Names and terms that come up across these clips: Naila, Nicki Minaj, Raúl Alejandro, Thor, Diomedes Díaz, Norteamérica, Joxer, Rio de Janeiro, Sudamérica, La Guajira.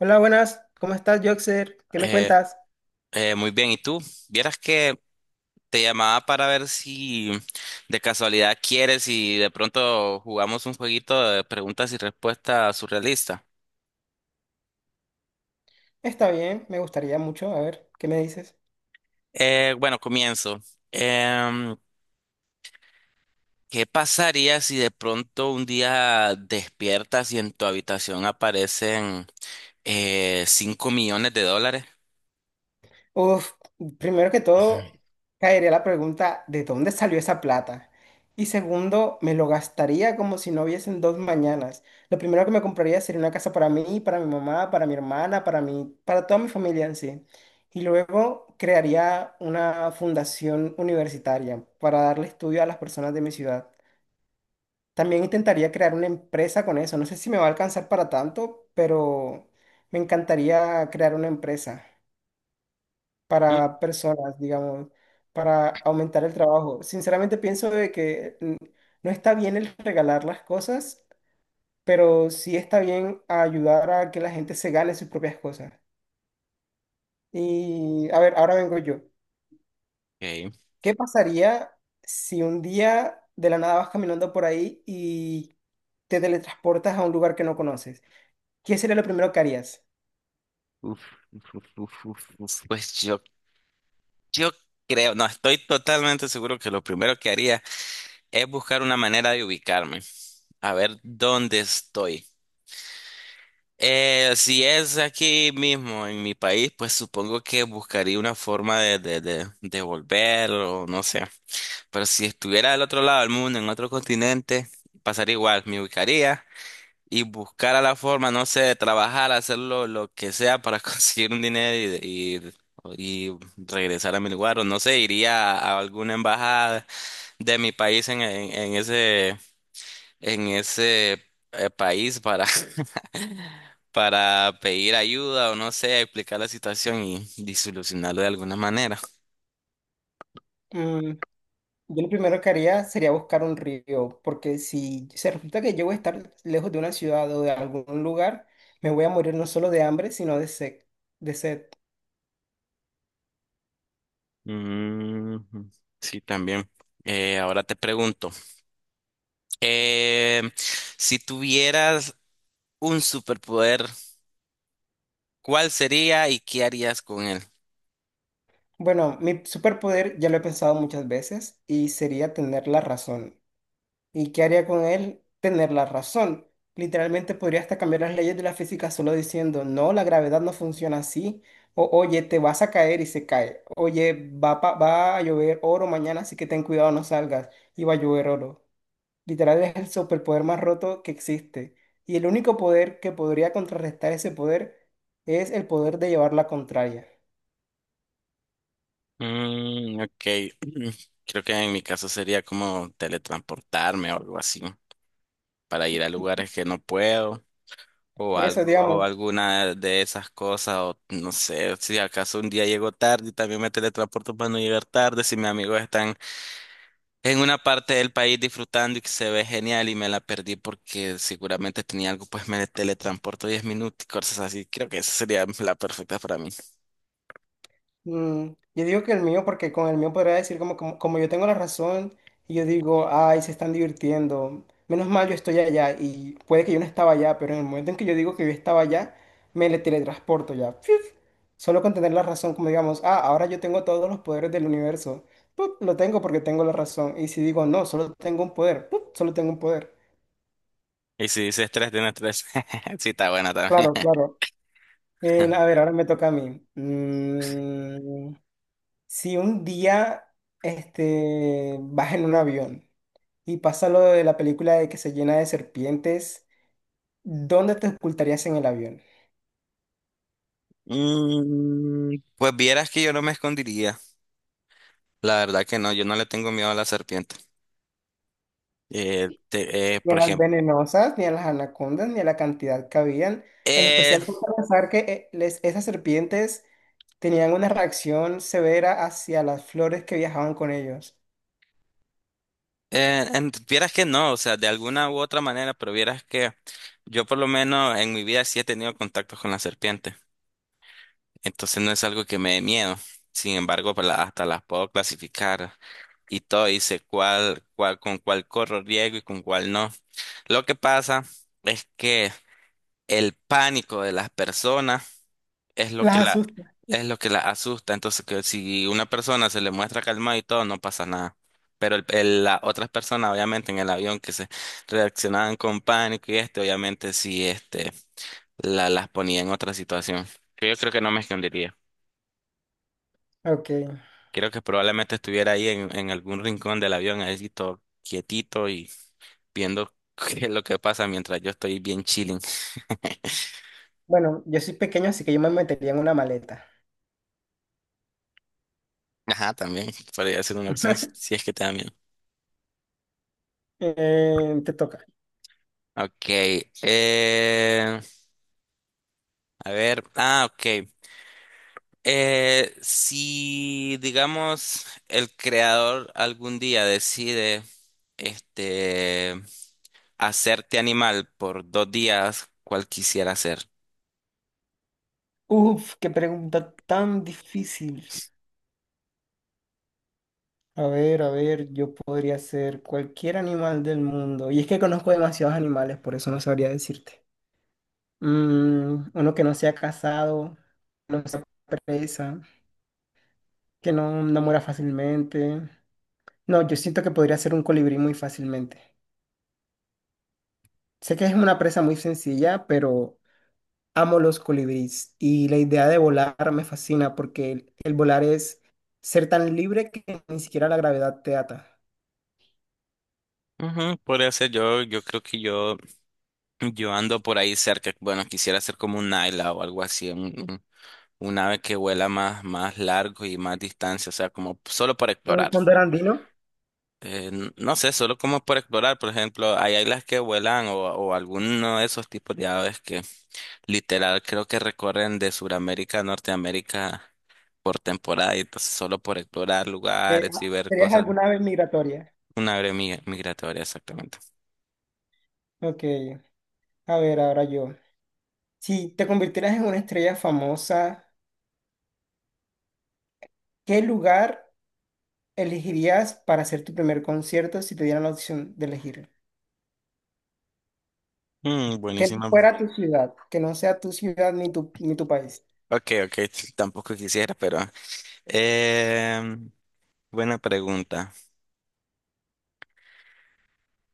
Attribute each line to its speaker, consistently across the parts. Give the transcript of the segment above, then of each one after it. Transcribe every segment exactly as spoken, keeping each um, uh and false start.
Speaker 1: Hola, buenas. ¿Cómo estás, Joxer? ¿Qué me
Speaker 2: Eh,
Speaker 1: cuentas?
Speaker 2: eh, muy bien, ¿y tú? Vieras que te llamaba para ver si de casualidad quieres y de pronto jugamos un jueguito de preguntas y respuestas surrealista.
Speaker 1: Está bien, me gustaría mucho. A ver, ¿qué me dices?
Speaker 2: Eh, bueno, comienzo. Em, ¿Qué pasaría si de pronto un día despiertas y en tu habitación aparecen eh, cinco millones de dólares?
Speaker 1: Uf, primero que todo, caería la pregunta, ¿de dónde salió esa plata? Y segundo, me lo gastaría como si no hubiesen dos mañanas. Lo primero que me compraría sería una casa para mí, para mi mamá, para mi hermana, para mí, para toda mi familia en sí. Y luego crearía una fundación universitaria para darle estudio a las personas de mi ciudad. También intentaría crear una empresa con eso. No sé si me va a alcanzar para tanto, pero me encantaría crear una empresa para personas, digamos, para aumentar el trabajo. Sinceramente pienso de que mm, no está bien el regalar las cosas, pero sí está bien ayudar a que la gente se gane sus propias cosas. Y a ver, ahora vengo yo.
Speaker 2: Okay.
Speaker 1: ¿Qué pasaría si un día de la nada vas caminando por ahí y te teletransportas a un lugar que no conoces? ¿Qué sería lo primero que harías?
Speaker 2: Uf, uf, uf, uf, uf, uf. Pues yo, yo creo, no, estoy totalmente seguro que lo primero que haría es buscar una manera de ubicarme, a ver dónde estoy. Eh, si es aquí mismo en mi país, pues supongo que buscaría una forma de, de, de, de volver o no sé. Pero si estuviera del otro lado del mundo, en otro continente, pasaría igual, me ubicaría y buscara la forma, no sé, de trabajar, hacer lo, lo que sea para conseguir un dinero y, y, y regresar a mi lugar o no sé, iría a alguna embajada de mi país en, en en ese en ese eh, país para, para pedir ayuda o no sé, explicar la situación y, y de alguna manera.
Speaker 1: Mm, yo lo primero que haría sería buscar un río, porque si se resulta que yo voy a estar lejos de una ciudad o de algún lugar, me voy a morir no solo de hambre, sino de sed, de sed.
Speaker 2: Mm, sí, también. Eh, ahora te pregunto, eh, si tuvieras un superpoder, ¿cuál sería y qué harías con él?
Speaker 1: Bueno, mi superpoder ya lo he pensado muchas veces y sería tener la razón. ¿Y qué haría con él? Tener la razón. Literalmente podría hasta cambiar las leyes de la física solo diciendo, no, la gravedad no funciona así. O, oye, te vas a caer y se cae. Oye, va, pa- va a llover oro mañana, así que ten cuidado, no salgas. Y va a llover oro. Literal es el superpoder más roto que existe. Y el único poder que podría contrarrestar ese poder es el poder de llevar la contraria.
Speaker 2: Mm, ok, creo que en mi caso sería como teletransportarme o algo así, para ir a lugares que no puedo. O
Speaker 1: Por eso,
Speaker 2: algo, o
Speaker 1: digamos,
Speaker 2: alguna de esas cosas, o no sé, si acaso un día llego tarde y también me teletransporto para no llegar tarde, si mis amigos están en una parte del país disfrutando y que se ve genial y me la perdí porque seguramente tenía algo, pues me teletransporto diez minutos y cosas así. Creo que esa sería la perfecta para mí.
Speaker 1: mm, yo digo que el mío, porque con el mío podría decir como, como, como yo tengo la razón, y yo digo, ay, se están divirtiendo. Menos mal yo estoy allá, y puede que yo no estaba allá, pero en el momento en que yo digo que yo estaba allá, me le teletransporto ya. ¡Fiuf! Solo con tener la razón, como digamos, ah, ahora yo tengo todos los poderes del universo. ¡Pup! Lo tengo porque tengo la razón. Y si digo, no, solo tengo un poder, ¡pup! Solo tengo un poder.
Speaker 2: Y si dices tres, tienes tres. Sí, está buena también.
Speaker 1: Claro, claro. Eh, a ver, ahora me toca a mí. Mm, si un día este, vas en un avión y pasa lo de la película de que se llena de serpientes, ¿dónde te ocultarías en el avión?
Speaker 2: Mm, pues vieras que yo no me escondiría. La verdad que no, yo no le tengo miedo a la serpiente. Eh, te- eh,
Speaker 1: Ni a
Speaker 2: por
Speaker 1: las
Speaker 2: ejemplo,
Speaker 1: venenosas, ni a las anacondas, ni a la cantidad que habían. En
Speaker 2: eh,
Speaker 1: especial por pensar que eh, les- esas serpientes tenían una reacción severa hacia las flores que viajaban con ellos.
Speaker 2: eh, en- vieras que no, o sea, de alguna u otra manera, pero vieras que yo por lo menos en mi vida sí he tenido contactos con la serpiente. Entonces no es algo que me dé miedo. Sin embargo, pues, la- hasta las puedo clasificar y todo, y sé cuál, cuál, con cuál corro riesgo y con cuál no. Lo que pasa es que el pánico de las personas es lo que
Speaker 1: Las
Speaker 2: la,
Speaker 1: asusta.
Speaker 2: es lo que la asusta. Entonces, que si una persona se le muestra calmada y todo, no pasa nada. Pero el, el- las otras personas, obviamente, en el avión que se reaccionaban con pánico y este, obviamente, sí, este, la, las ponía en otra situación. Que yo creo que no me escondería.
Speaker 1: Ok.
Speaker 2: Creo que probablemente estuviera ahí en, en algún rincón del avión, ahí sí, todo quietito y viendo qué es lo que pasa mientras yo estoy bien chilling.
Speaker 1: Bueno, yo soy pequeño, así que yo me metería en una maleta.
Speaker 2: Ajá, también podría ser una opción si si es que te da miedo.
Speaker 1: Eh, te toca.
Speaker 2: Ok, eh, a ver, ah, ok. Eh, si, digamos, el creador algún día decide, este, hacerte animal por dos días, ¿cuál quisiera ser?
Speaker 1: Uf, qué pregunta tan difícil. A ver, a ver, yo podría ser cualquier animal del mundo. Y es que conozco demasiados animales, por eso no sabría decirte. Mm, uno que no sea casado, no sea presa, que no, no muera fácilmente. No, yo siento que podría ser un colibrí muy fácilmente. Sé que es una presa muy sencilla, pero amo los colibríes. Y la idea de volar me fascina porque el el volar es ser tan libre que ni siquiera la gravedad te ata.
Speaker 2: Ujú, podría ser yo, yo creo que yo, yo ando por ahí cerca, bueno, quisiera ser como un Naila o algo así, un, un un ave que vuela más, más largo y más distancia, o sea, como solo para
Speaker 1: Un
Speaker 2: explorar.
Speaker 1: fondo andino.
Speaker 2: Eh, n- no sé, solo como por explorar, por ejemplo, hay águilas que vuelan o, o alguno de esos tipos de aves que literal creo que recorren de Sudamérica a Norteamérica por temporada y entonces solo por explorar
Speaker 1: Eh,
Speaker 2: lugares y
Speaker 1: ah,
Speaker 2: ver
Speaker 1: ¿Serías
Speaker 2: cosas.
Speaker 1: alguna vez migratoria?
Speaker 2: Una ave mi- migratoria, exactamente.
Speaker 1: Ok, a ver, ahora yo. Si te convirtieras en una estrella famosa, ¿qué lugar elegirías para hacer tu primer concierto si te dieran la opción de elegir?
Speaker 2: Mm,
Speaker 1: Que no
Speaker 2: buenísimo.
Speaker 1: fuera tu ciudad, que no sea tu ciudad ni tu, ni tu país.
Speaker 2: Ok, ok, tampoco quisiera, pero... em, buena pregunta.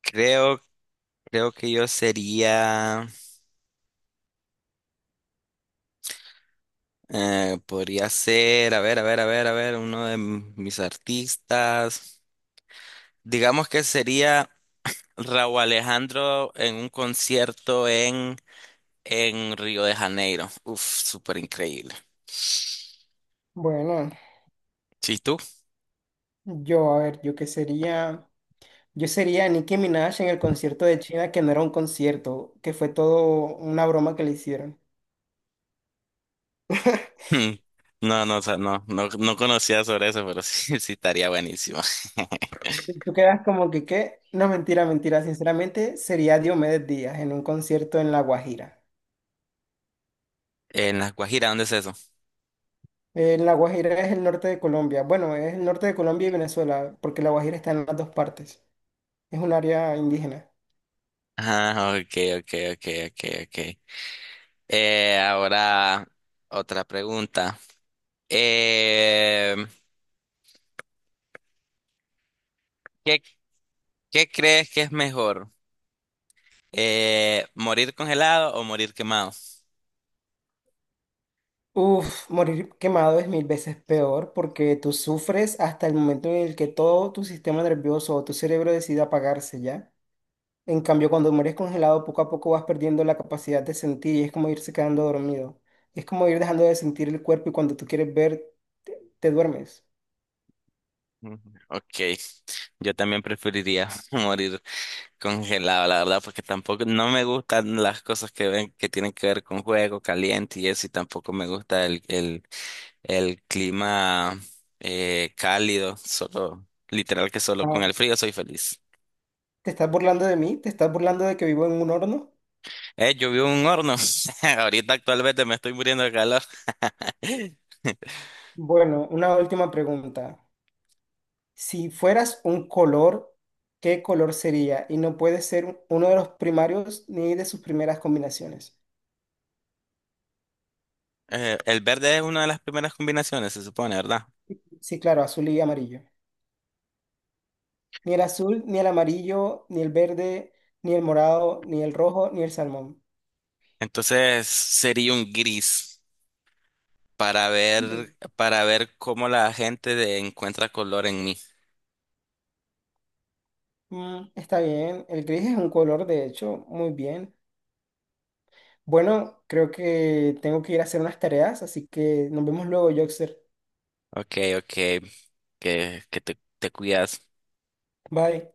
Speaker 2: Creo, Creo que yo sería... Eh, podría ser, a ver, a ver, a ver, a ver, uno de m- mis artistas. Digamos que sería Raúl Alejandro en un concierto en, en Río de Janeiro. Uf, súper increíble.
Speaker 1: Bueno,
Speaker 2: ¿Sí tú?
Speaker 1: yo, a ver, yo qué sería, yo sería Nicki Minaj en el concierto de China, que no era un concierto, que fue todo una broma que le hicieron.
Speaker 2: Hmm. No, no, o sea, no, no, no conocía sobre eso, pero sí, sí estaría buenísimo.
Speaker 1: Y tú quedas como que, ¿qué? No, mentira, mentira. Sinceramente, sería Diomedes Díaz en un concierto en La Guajira.
Speaker 2: En La Guajira, ¿dónde es eso?
Speaker 1: En La Guajira es el norte de Colombia. Bueno, es el norte de Colombia y Venezuela, porque La Guajira está en las dos partes. Es un área indígena.
Speaker 2: Ah, ok, ok, ok, ok, ok. Eh, ahora otra pregunta. Eh, ¿Qué crees que es mejor? Eh, ¿morir congelado o morir quemado?
Speaker 1: Uf, morir quemado es mil veces peor porque tú sufres hasta el momento en el que todo tu sistema nervioso o tu cerebro decide apagarse, ¿ya? En cambio, cuando mueres congelado, poco a poco vas perdiendo la capacidad de sentir y es como irse quedando dormido. Es como ir dejando de sentir el cuerpo y cuando tú quieres ver, te, te duermes.
Speaker 2: Mm, ok, yo también preferiría morir congelado, la verdad, porque tampoco no me gustan las cosas que ven que tienen que ver con juego caliente y eso, y tampoco me gusta el, el, el clima eh, cálido, solo, literal que solo con
Speaker 1: Ah,
Speaker 2: el frío soy feliz.
Speaker 1: ¿te estás burlando de mí? ¿Te estás burlando de que vivo en un horno?
Speaker 2: Eh, yo vivo en un horno, ahorita actualmente me estoy muriendo de calor.
Speaker 1: Bueno, una última pregunta. Si fueras un color, ¿qué color sería? Y no puede ser uno de los primarios ni de sus primeras combinaciones.
Speaker 2: Eh, el verde es una de las primeras combinaciones, se supone, ¿verdad?
Speaker 1: Sí, claro, azul y amarillo. Ni el azul, ni el amarillo, ni el verde, ni el morado, ni el rojo, ni el salmón.
Speaker 2: Entonces sería un gris para ver, para ver cómo la gente de- encuentra color en mí.
Speaker 1: Mm, está bien, el gris es un color, de hecho, muy bien. Bueno, creo que tengo que ir a hacer unas tareas, así que nos vemos luego, Joxer.
Speaker 2: Ok, ok, que, que te, te cuidas.
Speaker 1: Bye.